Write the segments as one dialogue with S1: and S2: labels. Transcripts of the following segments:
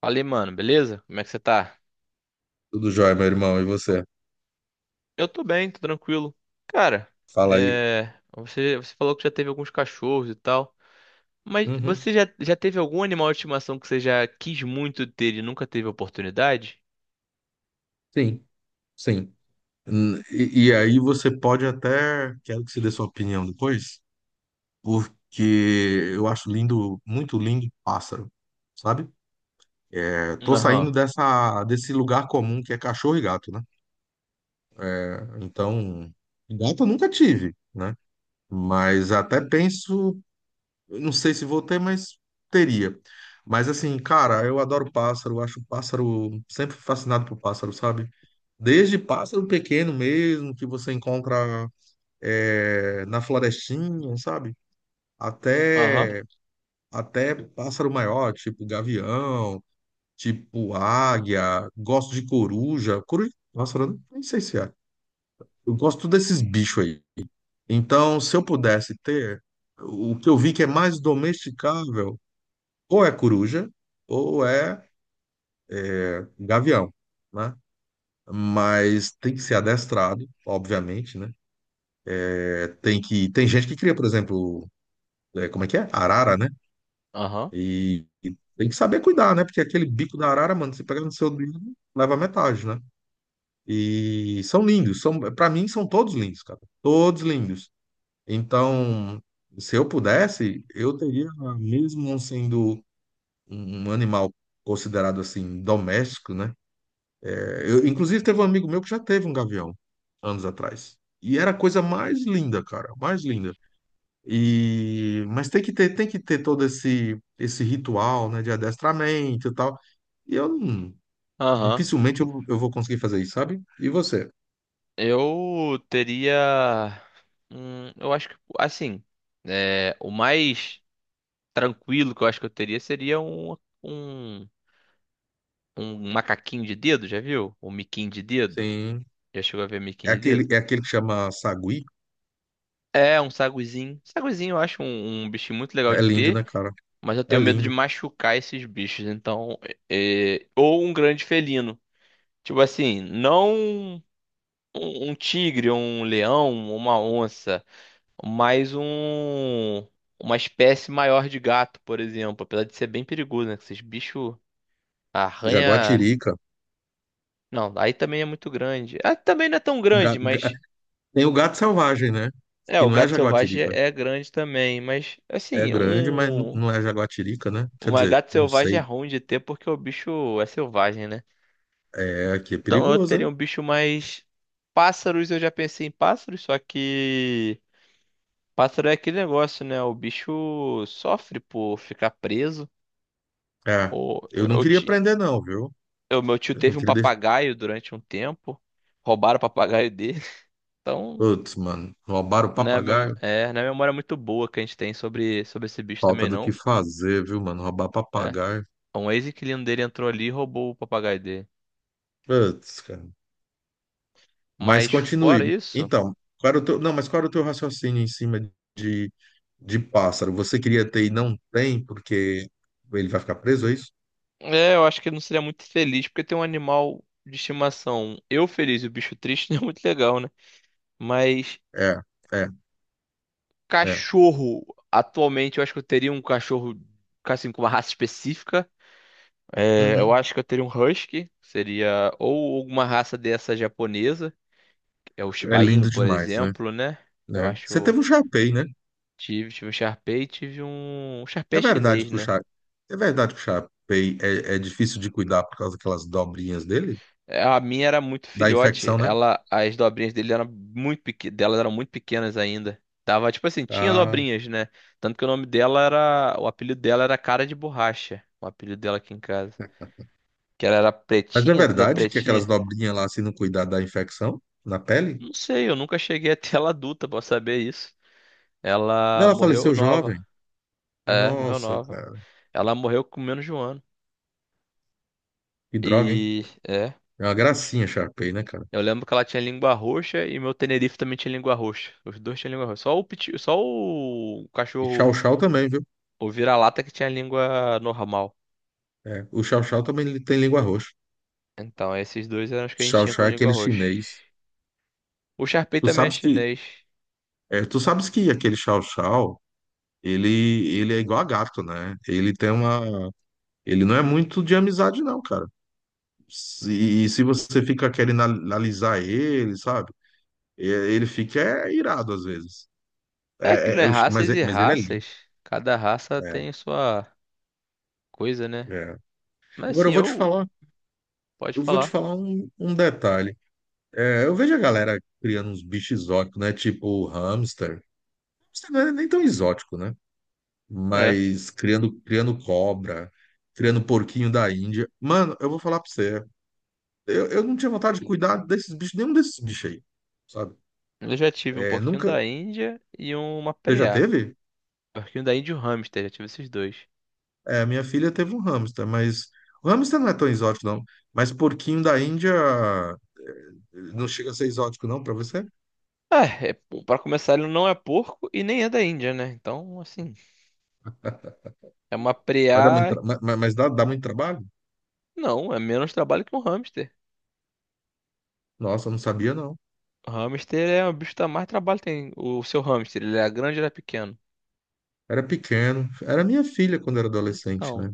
S1: Falei, mano, beleza? Como é que você tá?
S2: Tudo jóia, meu irmão. E você?
S1: Eu tô bem, tô tranquilo. Cara,
S2: Fala aí.
S1: você falou que já teve alguns cachorros e tal, mas
S2: Uhum.
S1: você já teve algum animal de estimação que você já quis muito ter e nunca teve oportunidade?
S2: Sim, sim. E aí você pode até, quero que você dê sua opinião depois, porque eu acho lindo, muito lindo pássaro, sabe? É, tô
S1: Aham,
S2: saindo desse lugar comum que é cachorro e gato, né? É, então, gato eu nunca tive, né? Mas até penso. Eu não sei se vou ter, mas teria. Mas assim, cara, eu adoro pássaro, acho pássaro, sempre fui fascinado por pássaro, sabe? Desde pássaro pequeno mesmo, que você encontra na florestinha, sabe?
S1: aham,
S2: Até, até pássaro maior, tipo gavião, tipo águia, gosto de coruja. Coruja, pássaro, né? Nem sei se é. Eu gosto desses bichos aí. Então, se eu pudesse ter, o que eu vi que é mais domesticável, ou é coruja, ou é gavião, né? Mas tem que ser adestrado, obviamente, né? É, tem gente que cria, por exemplo, como é que é? Arara, né?
S1: aham,
S2: E tem que saber cuidar, né? Porque aquele bico da arara, mano, se pegar no seu dedo, leva metade, né? E são lindos, são, para mim são todos lindos, cara. Todos lindos. Então, se eu pudesse, eu teria, mesmo não sendo um animal considerado assim doméstico, né? Eu, inclusive, teve um amigo meu que já teve um gavião anos atrás. E era a coisa mais linda, cara, mais linda. E mas tem que ter todo esse ritual, né, de adestramento e tal. E eu não-
S1: aham.
S2: Dificilmente eu vou conseguir fazer isso, sabe? E você?
S1: Eu teria. Eu acho que, assim, é, o mais tranquilo que eu acho que eu teria seria um, um macaquinho de dedo, já viu? Um miquinho de dedo.
S2: Sim.
S1: Já chegou a ver
S2: É
S1: miquinho de
S2: aquele
S1: dedo?
S2: é aquele que chama sagui.
S1: É, um saguizinho. Saguizinho eu acho um bichinho muito legal
S2: É
S1: de
S2: lindo,
S1: ter,
S2: né, cara?
S1: mas eu
S2: É
S1: tenho medo de
S2: lindo.
S1: machucar esses bichos. Então, ou um grande felino. Tipo assim, não um, um tigre, um leão, uma onça, mas um, uma espécie maior de gato, por exemplo. Apesar de ser bem perigoso, né? Que esses bichos arranha.
S2: Jaguatirica.
S1: Não, aí também é muito grande. Ah, também não é tão
S2: Ga-
S1: grande,
S2: ga-
S1: mas.
S2: Tem o gato selvagem, né?
S1: É,
S2: Que
S1: o
S2: não é
S1: gato selvagem é
S2: jaguatirica.
S1: é grande também, mas
S2: É
S1: assim,
S2: grande, mas n-
S1: um...
S2: não é jaguatirica, né? Quer
S1: Uma
S2: dizer,
S1: gata
S2: não
S1: selvagem é
S2: sei.
S1: ruim de ter porque o bicho é selvagem, né?
S2: É, aqui é
S1: Então eu
S2: perigoso,
S1: teria
S2: hein?
S1: um bicho mais. Pássaros, eu já pensei em pássaros, só que... Pássaro é aquele negócio, né? O bicho sofre por ficar preso.
S2: É,
S1: Ou
S2: eu não
S1: eu
S2: queria
S1: ti...
S2: prender, não, viu?
S1: o meu tio
S2: Eu não
S1: teve um
S2: queria deixar.
S1: papagaio durante um tempo. Roubaram o papagaio dele. Então,
S2: Putz, mano, roubaram o
S1: né, a
S2: papagaio?
S1: não é a memória muito boa que a gente tem sobre, sobre esse bicho
S2: Falta
S1: também,
S2: do que
S1: não.
S2: fazer, viu, mano? Roubar
S1: É.
S2: papagaio.
S1: Um ex-inquilino dele entrou ali e roubou o papagaio dele.
S2: Putz, cara. Mas
S1: Mas
S2: continue.
S1: fora isso.
S2: Então, qual era o teu... não, mas qual era o teu raciocínio em cima de, de pássaro? Você queria ter e não tem, porque ele vai ficar preso, é isso?
S1: É, eu acho que ele não seria muito feliz, porque tem um animal de estimação. Eu feliz e o bicho triste não é muito legal, né? Mas
S2: É, é, é.
S1: cachorro, atualmente eu acho que eu teria um cachorro assim com uma raça específica. É, eu
S2: Uhum.
S1: acho que eu teria um husky, seria ou alguma raça dessa japonesa, que é o
S2: É
S1: Shiba Inu,
S2: lindo
S1: por
S2: demais, né?
S1: exemplo, né? Eu
S2: Né? Você
S1: acho
S2: teve um chapéu, né?
S1: tive um Shar Pei, tive um Shar Pei
S2: É verdade
S1: chinês,
S2: que o
S1: né?
S2: Cha... É verdade que o Shapei é difícil de cuidar por causa daquelas dobrinhas dele?
S1: É, a minha era muito
S2: Da
S1: filhote.
S2: infecção, né?
S1: Ela, as dobrinhas dele eram muito delas eram muito pequenas ainda. Tava, tipo assim, tinha
S2: Ah,
S1: dobrinhas, né? Tanto que o nome dela era... O apelido dela era Cara de Borracha. O apelido dela aqui em casa. Que ela era
S2: mas é
S1: pretinha, toda
S2: verdade que aquelas
S1: pretinha.
S2: dobrinhas lá, se não cuidar da infecção na pele?
S1: Não sei, eu nunca cheguei até ela adulta pra saber isso. Ela
S2: Ela
S1: morreu
S2: faleceu jovem.
S1: nova. É, morreu
S2: Nossa,
S1: nova.
S2: cara.
S1: Ela morreu com menos de um ano.
S2: Que droga, hein?
S1: E. É.
S2: É uma gracinha, Shapei, né, cara?
S1: Eu lembro que ela tinha língua roxa e meu Tenerife também tinha língua roxa. Os dois tinham língua roxa. Só o, só o
S2: E
S1: cachorro...
S2: Chow Chow também, viu?
S1: O vira-lata que tinha língua normal.
S2: É, o Chow Chow também ele tem língua roxa.
S1: Então, esses dois eram os que a gente
S2: Chow
S1: tinha com
S2: Chow é
S1: língua
S2: aquele
S1: roxa.
S2: chinês.
S1: O Sharpei
S2: Tu
S1: também é
S2: sabes que,
S1: chinês.
S2: tu sabes que aquele Chow Chow, ele é igual a gato, né? Ele não é muito de amizade, não, cara. E se você fica querendo analisar ele, sabe? Ele fica irado às vezes.
S1: É aquilo,
S2: É, é,
S1: é
S2: eu ch- mas,
S1: raças
S2: é-
S1: e
S2: mas ele é lindo.
S1: raças. Cada raça
S2: É,
S1: tem sua coisa, né?
S2: é.
S1: Mas
S2: Agora
S1: assim,
S2: eu vou te
S1: eu...
S2: falar,
S1: Pode
S2: eu vou te
S1: falar.
S2: falar um detalhe. É, eu vejo a galera criando uns bichos exóticos, né? Tipo hamster. Hamster não é nem tão exótico, né?
S1: É.
S2: Mas criando cobra, criando porquinho da Índia. Mano, eu vou falar pra você. Eu não tinha vontade de cuidar desses bichos, nenhum desses bichos aí. Sabe?
S1: Eu já tive um
S2: É,
S1: porquinho
S2: nunca.
S1: da Índia e uma
S2: Você já
S1: preá.
S2: teve?
S1: Porquinho da Índia e um hamster, já tive esses dois.
S2: É, minha filha teve um hamster, mas. O hamster não é tão exótico, não. Mas porquinho da Índia eh, não chega a ser exótico, não, pra você?
S1: Ah, é, pra começar, ele não é porco e nem é da Índia, né? Então, assim, é uma
S2: Vai dar muito
S1: preá.
S2: tra- ma- ma- Mas dá muito trabalho?
S1: Não, é menos trabalho que um hamster.
S2: Nossa, eu não sabia, não.
S1: Hamster é o bicho que dá mais trabalho tem. O seu hamster, ele era grande ou era pequeno?
S2: Era pequeno. Era minha filha quando era adolescente,
S1: Então,
S2: né?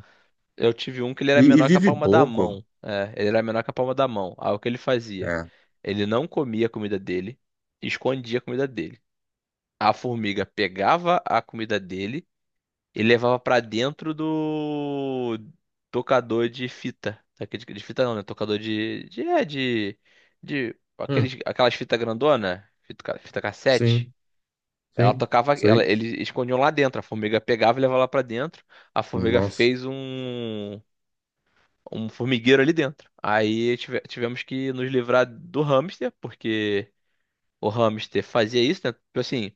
S1: eu tive um que ele era
S2: E
S1: menor que a
S2: vive
S1: palma da
S2: pouco.
S1: mão. É, ele era menor que a palma da mão. Aí o que ele fazia?
S2: É.
S1: Ele não comia a comida dele, escondia a comida dele. A formiga pegava a comida dele e levava pra dentro do tocador de fita. Daquele de fita não, né? Tocador de
S2: Hum,
S1: aqueles, aquelas fitas grandona, fita, fita cassete.
S2: sim,
S1: Ela
S2: sim,
S1: tocava, ela,
S2: sei.
S1: eles escondiam lá dentro. A formiga pegava e levava lá pra dentro. A formiga
S2: Nossa.
S1: fez um formigueiro ali dentro. Aí tivemos que nos livrar do hamster, porque o hamster fazia isso, né? Tipo assim,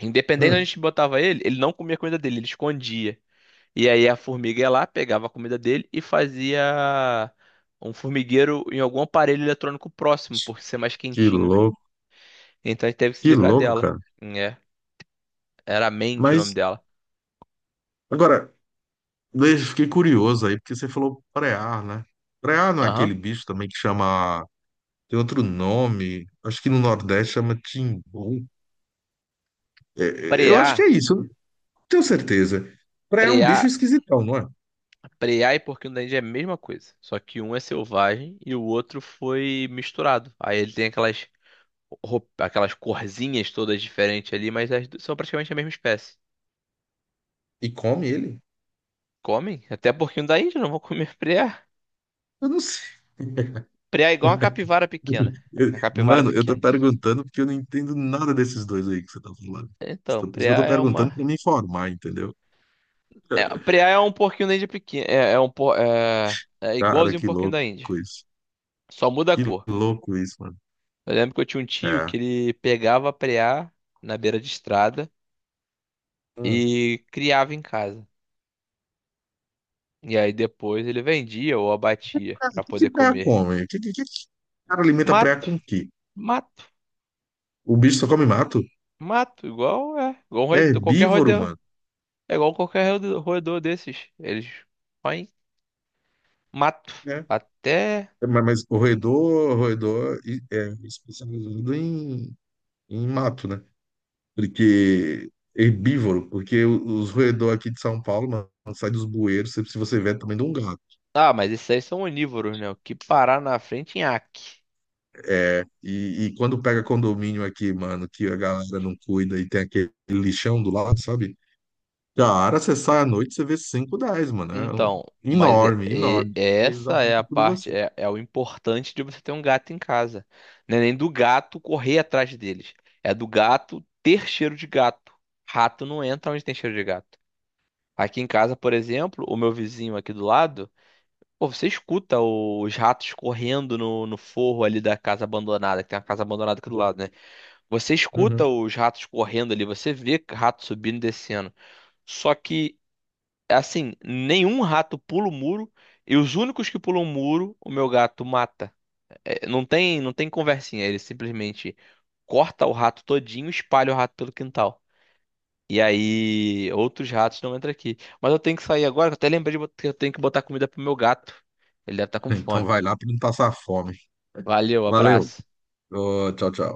S1: independente de onde a
S2: Hum,
S1: gente botava ele, ele não comia a comida dele, ele escondia. E aí a formiga ia lá, pegava a comida dele e fazia um formigueiro em algum aparelho eletrônico próximo, por ser mais
S2: que
S1: quentinho.
S2: louco,
S1: Então a gente teve que se
S2: que
S1: livrar
S2: louco,
S1: dela.
S2: cara.
S1: É, era Mandy o nome
S2: Mas,
S1: dela.
S2: agora, fiquei curioso aí, porque você falou preá, né? Preá não é aquele
S1: Aham.
S2: bicho também que chama. Tem outro nome. Acho que no Nordeste chama timbu. É, é, eu acho que
S1: Preá...
S2: é isso, eu não tenho certeza. Preá é um bicho
S1: Preá,
S2: esquisitão, não é?
S1: preá e porquinho da Índia é a mesma coisa, só que um é selvagem e o outro foi misturado. Aí ele tem aquelas aquelas corzinhas todas diferentes ali, mas as duas são praticamente a mesma espécie.
S2: E come ele?
S1: Comem? Até porquinho da Índia não vão comer preá.
S2: Eu não sei.
S1: Preá é igual uma capivara pequena. A capivara
S2: Mano, eu tô
S1: pequena.
S2: perguntando porque eu não entendo nada desses dois aí que você tá falando.
S1: Então,
S2: Então, por isso que eu
S1: preá
S2: tô
S1: é
S2: perguntando
S1: uma...
S2: pra me informar, entendeu?
S1: é, preá é um porquinho da Índia pequeno, é, é um é
S2: Cara,
S1: igualzinho um
S2: que
S1: porquinho da Índia,
S2: louco isso.
S1: só muda a
S2: Que
S1: cor.
S2: louco isso, mano.
S1: Eu lembro que eu tinha um tio
S2: É.
S1: que ele pegava preá na beira de estrada
S2: Hum.
S1: e criava em casa. E aí depois ele vendia ou abatia
S2: Ah,
S1: pra
S2: o que que
S1: poder
S2: preá
S1: comer.
S2: come? O que que o cara alimenta preá
S1: Mato,
S2: com o quê?
S1: mato,
S2: O bicho só come mato?
S1: mato, igual é, igual um
S2: É
S1: qualquer
S2: herbívoro,
S1: roedor,
S2: mano.
S1: é igual qualquer roedor desses. Eles põem mato
S2: É.
S1: até...
S2: Mas o roedor, é especializado em mato, né? Porque herbívoro, porque os roedor aqui de São Paulo, mano, sai dos bueiros, se você vê, é do tamanho de um gato.
S1: Ah, mas esses aí são onívoros, né? O que parar na frente, nhaque.
S2: É, e quando pega condomínio aqui, mano, que a galera não cuida e tem aquele lixão do lado, sabe? Cara, você sai à noite, você vê 5 10, mano.
S1: Então, mas
S2: Enorme, enorme. Eles
S1: essa
S2: atacam
S1: é a
S2: tudo
S1: parte,
S2: você.
S1: é, é o importante de você ter um gato em casa. Não é nem do gato correr atrás deles. É do gato ter cheiro de gato. Rato não entra onde tem cheiro de gato. Aqui em casa, por exemplo, o meu vizinho aqui do lado, pô, você escuta os ratos correndo no forro ali da casa abandonada, que tem uma casa abandonada aqui do lado, né? Você escuta
S2: Uhum.
S1: os ratos correndo ali, você vê rato subindo e descendo. Só que... Assim, nenhum rato pula o muro e os únicos que pulam o muro, o meu gato mata. É, não tem, não tem conversinha, ele simplesmente corta o rato todinho, e espalha o rato pelo quintal. E aí, outros ratos não entram aqui. Mas eu tenho que sair agora, que eu até lembrei de que eu tenho que botar comida pro meu gato. Ele deve estar com
S2: Então
S1: fome.
S2: vai lá pra não passar fome.
S1: Valeu,
S2: Valeu.
S1: abraço.
S2: Ô, tchau, tchau.